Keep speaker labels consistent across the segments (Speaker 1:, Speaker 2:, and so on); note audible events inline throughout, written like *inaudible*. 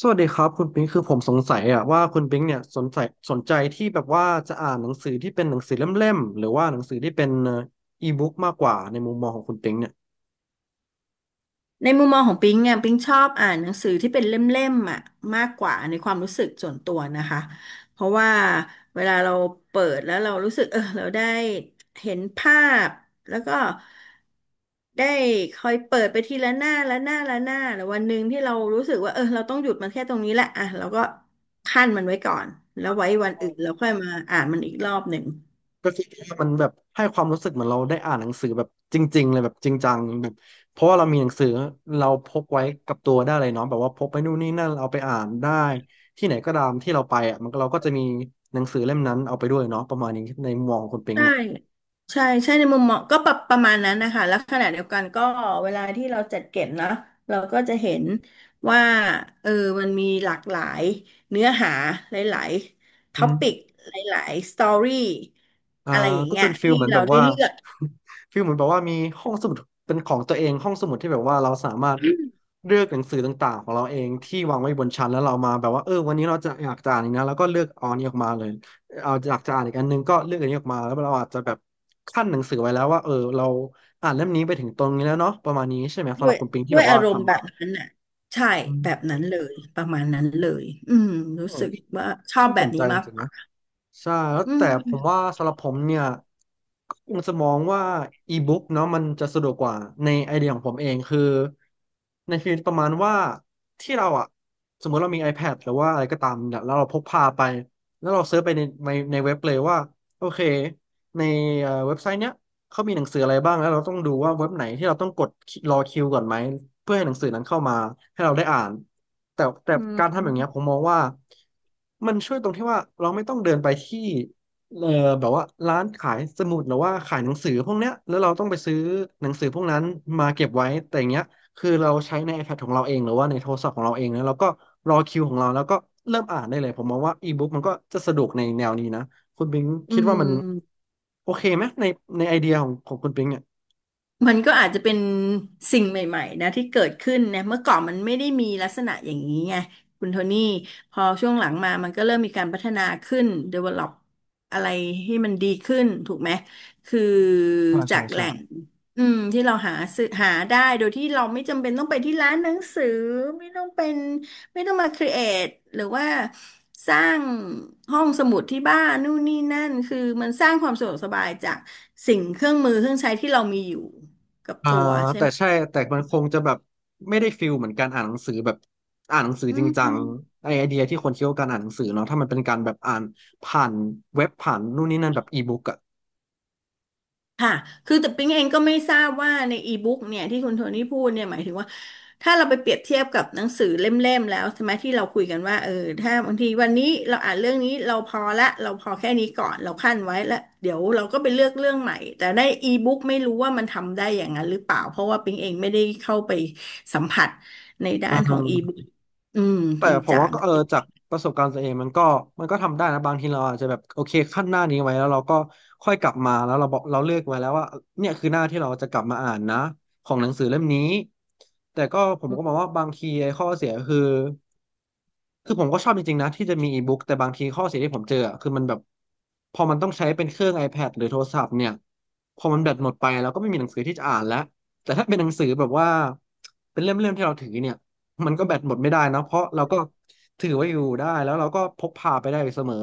Speaker 1: สวัสดีครับคุณปิงคือผมสงสัยอะว่าคุณปิงเนี่ยสนใจที่แบบว่าจะอ่านหนังสือที่เป็นหนังสือเล่มๆหรือว่าหนังสือที่เป็นอีบุ๊กมากกว่าในมุมมองของคุณปิงเนี่ย
Speaker 2: ในมุมมองของปิงอ่ะปิงชอบอ่านหนังสือที่เป็นเล่มๆอ่ะมากกว่าในความรู้สึกส่วนตัวนะคะเพราะว่าเวลาเราเปิดแล้วเรารู้สึกเออเราได้เห็นภาพแล้วก็ได้คอยเปิดไปทีละหน้าละหน้าละหน้าแล้ววันหนึ่งที่เรารู้สึกว่าเออเราต้องหยุดมันแค่ตรงนี้แหละอ่ะเราก็คั่นมันไว้ก่อนแล้วไว้วันอื่นเราค่อยมาอ่านมันอีกรอบหนึ่ง
Speaker 1: ก็คือว่ามันแบบให้ความรู้สึกเหมือนเราได้อ่านหนังสือแบบจริงๆเลยแบบจริงจังแบบเพราะว่าเรามีหนังสือเราพกไว้กับตัวได้เลยเนาะแบบว่าพกไปนู่นนี่นั่นเอาไปอ่านได้ที่ไหนก็ตามที่เราไปอ่ะมันก็เราก็จะมีหนังสือเล่มนั้นเอาไปด้วยเนาะประมาณนี้ในมุมมองของคุณปิง
Speaker 2: ใช่
Speaker 1: เนี่ย
Speaker 2: ใช่ใช่ในมุมมองก็ประมาณนั้นนะคะ แล้วขณะเดียวกันก็เวลาที่เราจัดเก็บเนาะเราก็จะเห็นว่าเออมันมีหลากหลายเนื้อหา หลายๆ
Speaker 1: อื
Speaker 2: ท็อปิก
Speaker 1: ม
Speaker 2: หลายๆสตอรี่
Speaker 1: อ่า
Speaker 2: อะไรอย่าง
Speaker 1: ก็
Speaker 2: เงี้ย
Speaker 1: เป็นฟิล
Speaker 2: ให้
Speaker 1: เหมือนแบ
Speaker 2: เรา
Speaker 1: บ
Speaker 2: ได้
Speaker 1: ว่า
Speaker 2: เลือก
Speaker 1: *laughs* ฟิลเหมือนแบบว่ามีห้องสมุดเป็นของตัวเองห้องสมุดที่แบบว่าเราสามารถเลือกหนังสือต่างๆของเราเองที่วางไว้บนชั้นแล้วเรามาแบบว่าเออวันนี้เราจะอยากจะอ่านอีกนะแล้วก็เลือกเอาอันนี้ออกมาเลยเอาอยากจะอ่านอีกอันนึงก็เลือกอันนี้ออกมาแล้วเราอาจจะแบบขั้นหนังสือไว้แล้วว่าเออเราอ่านเล่มนี้ไปถึงตรงนี้แล้วเนาะประมาณนี้ใช่ไหมสำ
Speaker 2: ด้
Speaker 1: ห
Speaker 2: ว
Speaker 1: รับ
Speaker 2: ย
Speaker 1: คุณปิงที่
Speaker 2: ด้
Speaker 1: แบ
Speaker 2: วย
Speaker 1: บ
Speaker 2: อา
Speaker 1: ว่า
Speaker 2: รมณ์
Speaker 1: ทำ
Speaker 2: แบ
Speaker 1: มา
Speaker 2: บนั้นอ่ะใช่
Speaker 1: อืม
Speaker 2: แบบนั้นเลย ประมาณนั้นเลย
Speaker 1: เอ
Speaker 2: รู้
Speaker 1: อ
Speaker 2: สึก
Speaker 1: พี่
Speaker 2: ว่าชอบ
Speaker 1: น่า
Speaker 2: แบ
Speaker 1: ส
Speaker 2: บ
Speaker 1: นใจ
Speaker 2: นี้
Speaker 1: จ
Speaker 2: มาก
Speaker 1: ริง
Speaker 2: ก
Speaker 1: ๆ
Speaker 2: ว่า
Speaker 1: นะ ใช่แล้ว
Speaker 2: อื
Speaker 1: แต่ผม
Speaker 2: ม
Speaker 1: ว่าสำหรับผมเนี่ยก็คงจะมองว่าอีบุ๊กเนาะมันจะสะดวกกว่าในไอเดียของผมเองคือในฟีลประมาณว่าที่เราอะสมมติเรามี iPad หรือว่าอะไรก็ตามเนี่ยแล้วเราพกพาไปแล้วเราเซิร์ชไปในเว็บเลยว่าโอเคในเว็บไซต์เนี้ย เขามีหนังสืออะไรบ้างแล้วเราต้องดูว่าเว็บไหนที่เราต้องกดรอคิวก่อนไหม เพื่อให้หนังสือนั้นเข้ามาให้เราได้อ่านแต่
Speaker 2: อื
Speaker 1: การทำอย่างเงี้ย
Speaker 2: ม
Speaker 1: ผมมองว่ามันช่วยตรงที่ว่าเราไม่ต้องเดินไปที่เออแบบว่าร้านขายสมุดหรือว่าขายหนังสือพวกเนี้ยแล้วเราต้องไปซื้อหนังสือพวกนั้นมาเก็บไว้แต่อย่างเงี้ยคือเราใช้ใน iPad ของเราเองหรือว่าในโทรศัพท์ของเราเองนะแล้วก็รอคิวของเราแล้วก็เริ่มอ่านได้เลยผมมองว่าอีบุ๊กมันก็จะสะดวกในแนวนี้นะ คุณปิง
Speaker 2: อื
Speaker 1: คิดว่ามัน
Speaker 2: ม
Speaker 1: โอเคไหมในในไอเดียของคุณปิงเนี่ย
Speaker 2: มันก็อาจจะเป็นสิ่งใหม่ๆนะที่เกิดขึ้นนะเมื่อก่อนมันไม่ได้มีลักษณะอย่างนี้ไงคุณโทนี่พอช่วงหลังมามันก็เริ่มมีการพัฒนาขึ้น develop อะไรให้มันดีขึ้นถูกไหมคือ
Speaker 1: ใช่
Speaker 2: จา
Speaker 1: ใช่
Speaker 2: กแห
Speaker 1: ใช่
Speaker 2: ล่งที่เราหาซื้อหาได้โดยที่เราไม่จำเป็นต้องไปที่ร้านหนังสือไม่ต้องเป็น ไม่ต้องมาครีเอทหรือว่าสร้างห้องสมุดที่บ้านนู่นนี่นั่นคือมันสร้างความสะดวกสบายจากสิ่งเครื่องมือเครื่องใช้ที่เรามีอยู่กับ
Speaker 1: อ่า
Speaker 2: ตัวใช่
Speaker 1: แต่
Speaker 2: ไหม
Speaker 1: ใช่แต่มันคงจะแบบไม่ได้ฟิลเหมือนการอ่านหนังสือแบบอ่านหนังสือ
Speaker 2: อื
Speaker 1: จริงจัง
Speaker 2: ม
Speaker 1: ไอเดียที่คนคิดว่าการอ่านหนังสือเนาะถ้ามันเป็นการแบบอ่านผ่านเว็บผ่านนู่นนี่นั่นแบบอีบุ๊กอะ
Speaker 2: ค่ะคือแต่ปิ๊งเองก็ไม่ทราบว่าในอีบุ๊กเนี่ยที่คุณโทนี่พูดเนี่ยหมายถึงว่าถ้าเราไปเปรียบเทียบกับหนังสือเล่มๆแล้วใช่ไหมที่เราคุยกันว่าเออถ้าบางทีวันนี้เราอ่านเรื่องนี้เราพอละเราพอแค่นี้ก่อนเราคั่นไว้แล้วเดี๋ยวเราก็ไปเลือกเรื่องใหม่แต่ในอีบุ๊กไม่รู้ว่ามันทำได้อย่างนั้นหรือเปล่าเพราะว่าปิ๊งเองไม่ได้เข้าไปสัมผัสในด้า
Speaker 1: อ่
Speaker 2: นของอีบุ๊
Speaker 1: า
Speaker 2: กอืม
Speaker 1: แต่
Speaker 2: จริง
Speaker 1: ผม
Speaker 2: จั
Speaker 1: ว่า
Speaker 2: ง
Speaker 1: ก็เออจากประสบการณ์ตัวเองมันก็ทำได้นะบางทีเราอาจจะแบบโอเคขั้นหน้านี้ไว้แล้วเราก็ค่อยกลับมาแล้วเราบอกเราเลือกไว้แล้วว่าเนี่ยคือหน้าที่เราจะกลับมาอ่านนะของหนังสือเล่มนี้แต่ก็ผมก็มองว่าบางทีไอ้ข้อเสียคือคือผมก็ชอบจริงๆนะที่จะมีอีบุ๊กแต่บางทีข้อเสียที่ผมเจออะคือมันแบบพอมันต้องใช้เป็นเครื่อง iPad หรือโทรศัพท์เนี่ยพอมันแบตหมดไปเราก็ไม่มีหนังสือที่จะอ่านแล้วแต่ถ้าเป็นหนังสือแบบว่าเป็นเล่มๆที่เราถือเนี่ย มันก็แบตหมดไม่ได้นะเพราะเราก็ถือไว้อยู่ได้แล้วเราก็พกพาไปได้เสมอ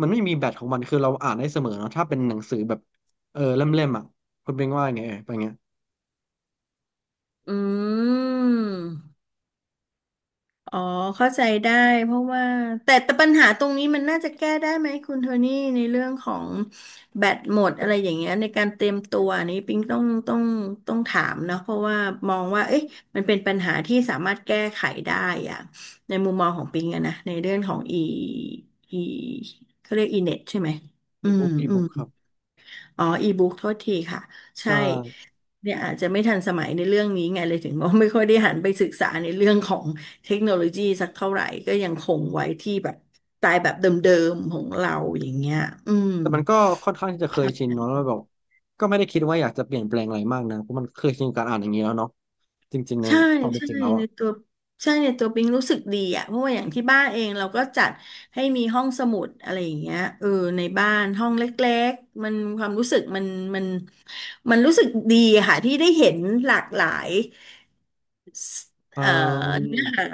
Speaker 1: มันไม่มีแบตของมันคือเราอ่านได้เสมอเนอะถ้าเป็นหนังสือแบบเออเล่มๆอ่ะคุณเป็นว่าไงเออเป็นไงย
Speaker 2: อืม อ๋อเข้าใจได้เพราะว่าแต่ปัญหาตรงนี้มันน่าจะแก้ได้ไหมคุณโทนี่ในเรื่องของแบตหมดอะไรอย่างเงี้ยในการเตรียมตัวอันนี้ปิ๊งต้องถามนะเพราะว่ามองว่าเอ๊ะมันเป็นปัญหาที่สามารถแก้ไขได้อะในมุมมองของปิ๊งอะนะในเรื่องของอีเขาเรียกอีเน็ตใช่ไหมอื
Speaker 1: อี
Speaker 2: ม
Speaker 1: บุ๊กอี
Speaker 2: อื
Speaker 1: บุ๊กครั
Speaker 2: ม
Speaker 1: บ
Speaker 2: อ๋ออีบุ๊กโทษทีค่ะใช่
Speaker 1: ใช่
Speaker 2: เนี่ยอาจจะไม่ทันสมัยในเรื่องนี้ไงเลยถึงว่าไม่ค่อยได้หันไปศึกษาในเรื่องของเทคโนโลยีสักเท่าไหร่ก็ยังคงไว้ที่แบบสไตล์แบบเดิมๆของเราอย่างเงี้ยอืม
Speaker 1: แต่มันก็ค่อนข้างที่จะเค
Speaker 2: ค
Speaker 1: ย
Speaker 2: รั
Speaker 1: ชิน
Speaker 2: บ
Speaker 1: เนาะแล้วแบบก็ไม่ได้คิดว่าอยากจะเปลี่ยนแปลงอะไรมากนะเพราะมันเคยชินกับการอ่านอย่างนี้แล้วเนาะจริงๆใน
Speaker 2: ใช่
Speaker 1: ความเป็น
Speaker 2: ใช่
Speaker 1: จริงแล้ว
Speaker 2: ใน
Speaker 1: อ่ะ
Speaker 2: ตัวใช่ในตัวปิงรู้สึกดีอ่ะเพราะว่าอย่างที่บ้านเองเราก็จัดให้มีห้องสมุดอะไรอย่างเงี้ยเออในบ้านห้องเล็กๆมันความรู้สึกมันมันรู้สึกดีอะค่ะที่ได้เห็นหลากหลาย
Speaker 1: อื
Speaker 2: เอ่อเนื้อหา
Speaker 1: ม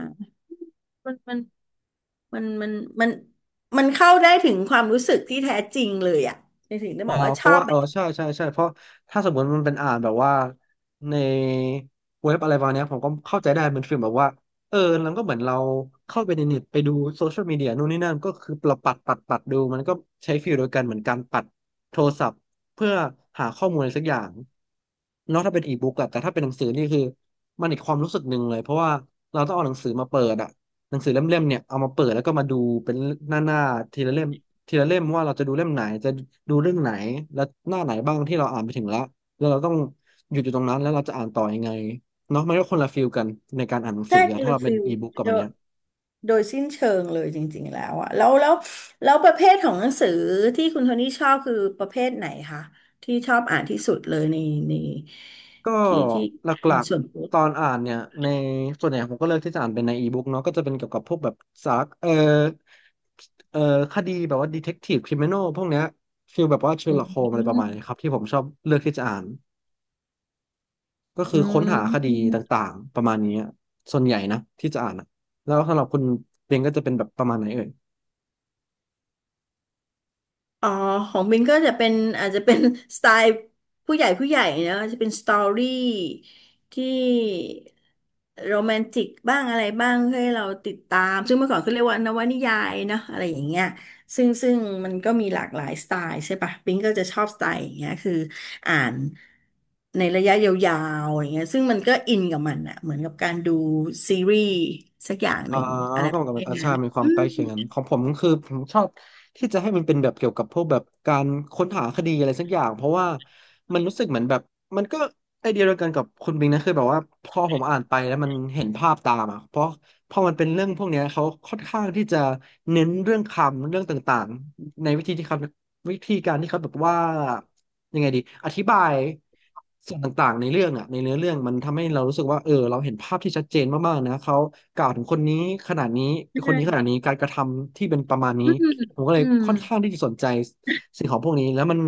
Speaker 2: มันมันมันมันมันมันเข้าได้ถึงความรู้สึกที่แท้จริงเลยอ่ะในถึงได้บอกว่า
Speaker 1: เพ
Speaker 2: ชอ
Speaker 1: ราะ
Speaker 2: บ
Speaker 1: ว่า
Speaker 2: แบบ
Speaker 1: ใช่ใช่ใช่เพราะถ้าสมมติมันเป็นอ่านแบบว่าในเว็บอะไรประมาณเนี้ยผมก็เข้าใจได้เป็นฟิลแบบว่าเออแล้วก็เหมือนเราเข้าไปในเน็ตไปดูโซเชียลมีเดียนู่นนี่นั่นก็คือเราปัดปัดดูมันก็ใช้ฟิลโดยกันเหมือนการปัดโทรศัพท์เพื่อหาข้อมูลอะไรสักอย่างเนอกถ้าเป็นอีบุ๊กอะแต่ถ้าเป็นหนังสือนี่คือมันอีกความรู้สึกหนึ่งเลยเพราะว่าเราต้องเอาหนังสือมาเปิดอะหนังสือเล่มๆเนี่ยเอามาเปิดแล้วก็มาดูเป็นหน้าๆทีละเล่ม ทีละเล่มว่าเราจะดูเล่มไหนจะดูเรื่องไหนและหน้าไหนบ้างที่เราอ่านไปถึงแล้วแล้วเราต้องหยุดอยู่ตรงนั้นแล้วเราจะอ่านต่อยังไงเนาะมันก็คนละฟีลกันในการอ่านหนัง
Speaker 2: ใช่
Speaker 1: สือ
Speaker 2: ค
Speaker 1: อะ
Speaker 2: น
Speaker 1: ถ้า
Speaker 2: ละ
Speaker 1: เราเป็
Speaker 2: ฟิ
Speaker 1: น
Speaker 2: ล
Speaker 1: อีบุ๊กกับ
Speaker 2: โด
Speaker 1: อัน
Speaker 2: ย
Speaker 1: เนี้ย
Speaker 2: โดยสิ้นเชิงเลยจริงๆแล้วอ่ะแล้วประเภทของหนังสือที่คุณโทนี่ชอบคือประเภทไหนคะที่ชอบอ่านที่สุดเลยใน
Speaker 1: ก็
Speaker 2: ที่ที่
Speaker 1: หล
Speaker 2: เป็
Speaker 1: ั
Speaker 2: น
Speaker 1: ก
Speaker 2: ส่วนตัว
Speaker 1: ๆตอนอ่านเนี่ยในส่วนใหญ่ผมก็เลือกที่จะอ่านเป็นในอีบุ๊กเนาะก็จะเป็นเกี่ยวกับพวกแบบสารเออคดีแบบว่าดีเทคทีฟคริมินอลพวกเนี้ยฟีลแบบว่าเชอ
Speaker 2: อื
Speaker 1: ร์ล็อกโฮมอะไรประมาณนี้
Speaker 2: ม
Speaker 1: ครับที่ผมชอบเลือกที่จะอ่าน ก็คื
Speaker 2: อื
Speaker 1: อค้นหาคดี
Speaker 2: ม
Speaker 1: ต่างๆประมาณนี้อะส่วนใหญ่นะที่จะอ่านอะแล้วสำหรับคุณเรนก็จะเป็นแบบประมาณไหนเอ่ย
Speaker 2: อ๋อของบินก็จะเป็นอาจจะเป็น *laughs* สไตล์ผู้ใหญ่ผู้ใหญ่นะจะเป็นสตอรี่ที่โรแมนติกบ้างอะไรบ้างให้เราติดตามซึ่งเมื่อก่อนเขาเรียกว่านวนิยายเนอะอะไรอย่างเงี้ยซึ่งมันก็มีหลากหลายสไตล์ใช่ปะบินก็จะชอบสไตล์อย่างเงี้ยคืออ่านในระยะยาวๆอย่างเงี้ยซึ่งมันก็อินกับมันอะเหมือนกับการดูซีรีส์สักอย่างห
Speaker 1: อ่า
Speaker 2: นึ่งอะไร
Speaker 1: ก็
Speaker 2: แบ
Speaker 1: เหมือ
Speaker 2: บ
Speaker 1: นกับอา
Speaker 2: นี้
Speaker 1: ชามีความใกล้เคียงกัน
Speaker 2: น
Speaker 1: ของผมก็คือผมชอบที่จะให้มันเป็นแบบเกี่ยวกับพวกแบบการค้นหาคดีอะไรสักอย่างเพราะว่ามันรู้สึกเหมือนแบบมันก็ไอเดียเดียวกันกับคุณบิงนะคือแบบว่าพอผมอ่านไปแล้วมันเห็นภาพตามอ่ะเพราะพอมันเป็นเรื่องพวกเนี้ยเขาค่อนข้างที่จะเน้นเรื่องคำเรื่องต่างๆในวิธีที่เขาวิธีการที่เขาแบบว่า ยังไงดีอธิบายส่วนต่างๆในเรื่องอ่ะในเนื้อเรื่องมันทำให้เรารู้สึกว่าเออเราเห็นภาพที่ชัดเจนมากๆนะเขากล่าวถึงคนนี้ขนาดนี้คนนี้ขนาดนี้การกระทำที่เป็นประมาณนี้ผมก็เล
Speaker 2: อื
Speaker 1: ยค่อน
Speaker 2: ม
Speaker 1: ข้างที่จะสนใจสิ่งของพวกนี้แล้วมัน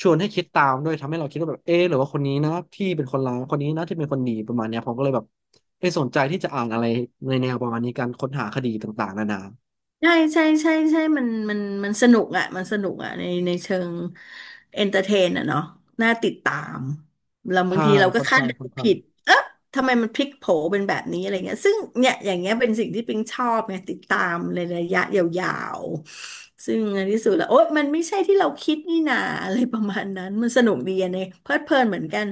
Speaker 1: ชวนให้คิดตามด้วยทำให้เราคิดว่าแบบเออหรือว่าคนนี้นะที่เป็นคนร้ายคนนี้นะที่เป็นคนดีประมาณเนี้ยผมก็เลยแบบเออสนใจที่จะอ่านอะไรในแนวประมาณนี้การค้นหาคดีต่างๆนานา
Speaker 2: ใช่ใช่ใช่ใช่มันมันสนุกอ่ะมันสนุกอ่ะในเชิงเอนเตอร์เทนอ่ะเนาะน่าติดตาม เราบา
Speaker 1: ใช่
Speaker 2: งทีเราก็
Speaker 1: ค่อน
Speaker 2: คาด
Speaker 1: ข้าง
Speaker 2: เดา
Speaker 1: ค่อนข้าง
Speaker 2: ผิดเอ๊ะทำไมมันพลิกโผเป็นแบบนี้อะไรเงี้ยซึ่งเนี่ยอย่างเงี้ยเป็นสิ่งที่ปิงชอบไงติดตามในระยะยาวๆซึ่งในที่สุดแล้วโอ๊ยมันไม่ใช่ที่เราคิดนี่นาอะไรประมาณนั้น มันสนุกดีอะเนี่ยเพลิดเพลินเหมือนกัน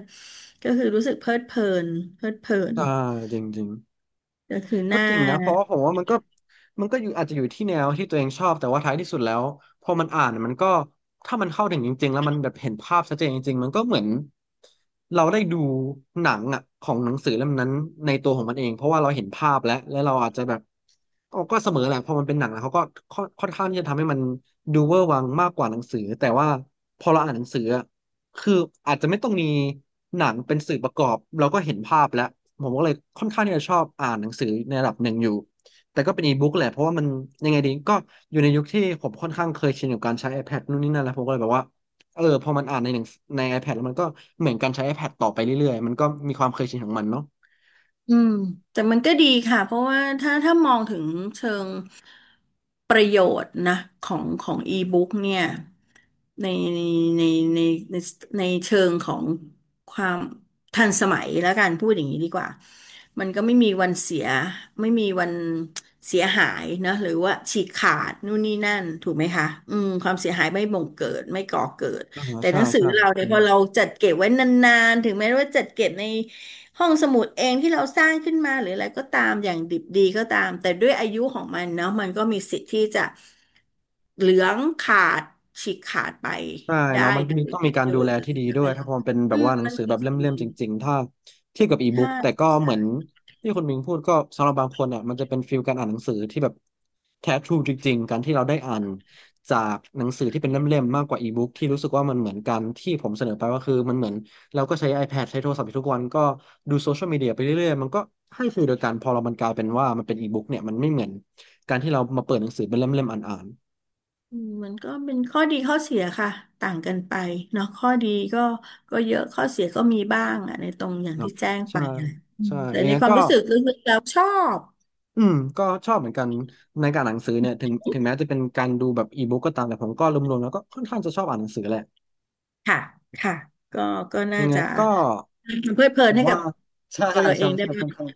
Speaker 2: ก็คือรู้สึกเพลิดเพลินเพลิดเพลิน
Speaker 1: ใช่จริง
Speaker 2: ก็คือห
Speaker 1: ก็
Speaker 2: น้า
Speaker 1: จริงนะเพราะว่าผมว่ามันก็อยู่อาจจะอยู่ที่แนวที่ตัวเองชอบแต่ว่าท้ายที่สุดแล้วพอมันอ่านมันก็ถ้ามันเข้าถึงจริงๆแล้วมันแบบเห็นภาพชัดเจนจริงๆมันก็เหมือนเราได้ดูหนังอ่ะของหนังสือเล่มนั้นในตัวของมันเองเพราะว่าเราเห็นภาพแล้วและเราอาจจะแบบเอาก็เสมอแหละพอมันเป็นหนังแล้วเขาก็ค่อนข้างที่จะทำให้มันดูเวอร์วังมากกว่าหนังสือแต่ว่าพอเราอ่านหนังสืออะ คืออาจจะไม่ต้องมีหนังเป็นสื่อประกอบเราก็เห็นภาพแล้วผมก็เลยค่อนข้างที่จะชอบอ่านหนังสือในระดับหนึ่งอยู่แต่ก็เป็นอีบุ๊กแหละเพราะว่ามันยังไงดีก็อยู่ในยุคที่ผมค่อนข้างเคยชินกับการใช้ iPad นู่นนี่นั่นแล้วผมก็เลยแบบว่าเออพอมันอ่านในหนังใน iPad แล้วมันก็เหมือนการใช้ iPad ต่อไปเรื่อยๆมันก็มีความเคยชินของมันเนาะ
Speaker 2: อืมแต่มันก็ดีค่ะเพราะว่าถ้ามองถึงเชิงประโยชน์นะของอีบุ๊กเนี่ยในในในในในเชิงของความทันสมัยแล้วกันพูดอย่างนี้ดีกว่ามันก็ไม่มีวันเสียไม่มีวันเสียหายนะหรือว่าฉีกขาดนู่นนี่นั่นถูกไหมคะความเสียหายไม่บ่งเกิดไม่ก่อเกิด
Speaker 1: อ่า
Speaker 2: แต่ห
Speaker 1: ใช่
Speaker 2: นังสือ
Speaker 1: ใช่
Speaker 2: เราเนี่
Speaker 1: อื
Speaker 2: ยพ
Speaker 1: ม
Speaker 2: อเราจัดเก็บไว้นานๆถึงแม้ว่าจัดเก็บใน ห้องสมุดเองที่เราสร้างขึ้นมาหรืออะไรก็ตามอย่างดิบดีก็ตามแต่ด้วยอายุของมันเนาะมันก็มีสิทธิ์ที่จะเหลืองขาดฉีกขาดไป
Speaker 1: ใช่
Speaker 2: ได้
Speaker 1: เนาะมัน
Speaker 2: โด
Speaker 1: มี
Speaker 2: ย
Speaker 1: ต้องมีการ
Speaker 2: โด
Speaker 1: ดู
Speaker 2: ย
Speaker 1: แลที่
Speaker 2: ระ
Speaker 1: ดี
Speaker 2: ยะ
Speaker 1: ด้ว
Speaker 2: เว
Speaker 1: ยถ้า
Speaker 2: ลา
Speaker 1: พอมันเป็นแบบว่าหนัง
Speaker 2: มัน
Speaker 1: สือ
Speaker 2: คื
Speaker 1: แบ
Speaker 2: อ
Speaker 1: บ
Speaker 2: สิ่ง
Speaker 1: เล่
Speaker 2: ห
Speaker 1: ม
Speaker 2: นึ่
Speaker 1: ๆจ
Speaker 2: ง
Speaker 1: ริงๆถ้าเทียบกับอีบุ๊
Speaker 2: ใช่
Speaker 1: กแต่ก็เห
Speaker 2: ใช่
Speaker 1: มือนที่คุณมิงพูดก็สำหรับบางคนอ่ะมันจะเป็นฟีลการอ่านหนังสือที่แบบแท้ทรูจริงๆการที่เราได้อ่านจากหนังสือที่เป็นเล่มๆมากกว่าอีบุ๊กที่รู้สึกว่ามันเหมือนกันที่ผมเสนอไปว่าคือมันเหมือนเราก็ใช้ iPad ใช้โทรศัพท์อยู่ทุกวันก็ดูโซเชียลมีเดียไปเรื่อยๆมันก็ให้ฟีลเดียวกันพอเรามันกลายเป็นว่ามันเป็นอีบุ๊กเนี่ยมันไม่เหมือนการที่เรามาเปิดหนังสือเป็นเล่มๆอ่าน
Speaker 2: มันก็เป็นข้อดีข้อเสียค่ะต่างกันไปเนาะข้อดีก็ก็เยอะข้อเสียก็มีบ้างอ่ะในตรงอ
Speaker 1: ๆ
Speaker 2: ย่าง
Speaker 1: เนาะ
Speaker 2: ที่แจ้งไป
Speaker 1: ใช่
Speaker 2: นั่นแหละ
Speaker 1: ใช่
Speaker 2: แต่
Speaker 1: ยัง
Speaker 2: ใน
Speaker 1: ไง
Speaker 2: ความ
Speaker 1: ก็
Speaker 2: รู้สึกลึกๆแล้วชอบ
Speaker 1: อืมก็ชอบเหมือนกันในการอ่านหนังสือเนี่ยถึงแม้จะเป็นการดูแบบอีบุ๊กก็ตามแต่ผมก็รวมๆแล้วก็ค่อนข้างจะชอบอ่านหนังสือแหละ
Speaker 2: ค่ะ ค่ะก็ก็น่า
Speaker 1: ยังไง
Speaker 2: จะ
Speaker 1: ก็
Speaker 2: เพลิดเพลิ
Speaker 1: ผ
Speaker 2: น
Speaker 1: ม
Speaker 2: ให้กั
Speaker 1: ว่า
Speaker 2: บ
Speaker 1: ใช่
Speaker 2: ตัวเรา
Speaker 1: ใช่
Speaker 2: เอ
Speaker 1: ใช่
Speaker 2: งได้
Speaker 1: ใช่
Speaker 2: บ้า
Speaker 1: ค่
Speaker 2: ง
Speaker 1: อน
Speaker 2: *laughs*
Speaker 1: ข้าง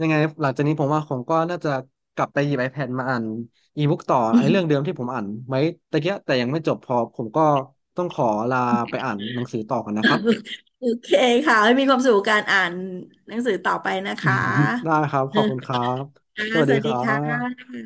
Speaker 1: ยังไงหลังจากนี้ผมว่าผมก็น่าจะกลับไปหยิบ iPad มาอ่านอีบุ๊กต่อไอ้เรื่องเดิมที่ผมอ่านไว้ตะเกียะแต่ยังไม่จบพอผมก็ต้องขอลาไปอ่านหนังสือต่อกันนะครับ
Speaker 2: โอเคค่ะให้มีความสุขกับการอ่านหนังสือต่อไปนะคะ
Speaker 1: *laughs* ได้ครับขอบคุณครับ
Speaker 2: *laughs* ค่ะ
Speaker 1: สวัส
Speaker 2: ส
Speaker 1: ดี
Speaker 2: วัส
Speaker 1: ค
Speaker 2: ดี
Speaker 1: รั
Speaker 2: ค่
Speaker 1: บ
Speaker 2: ะ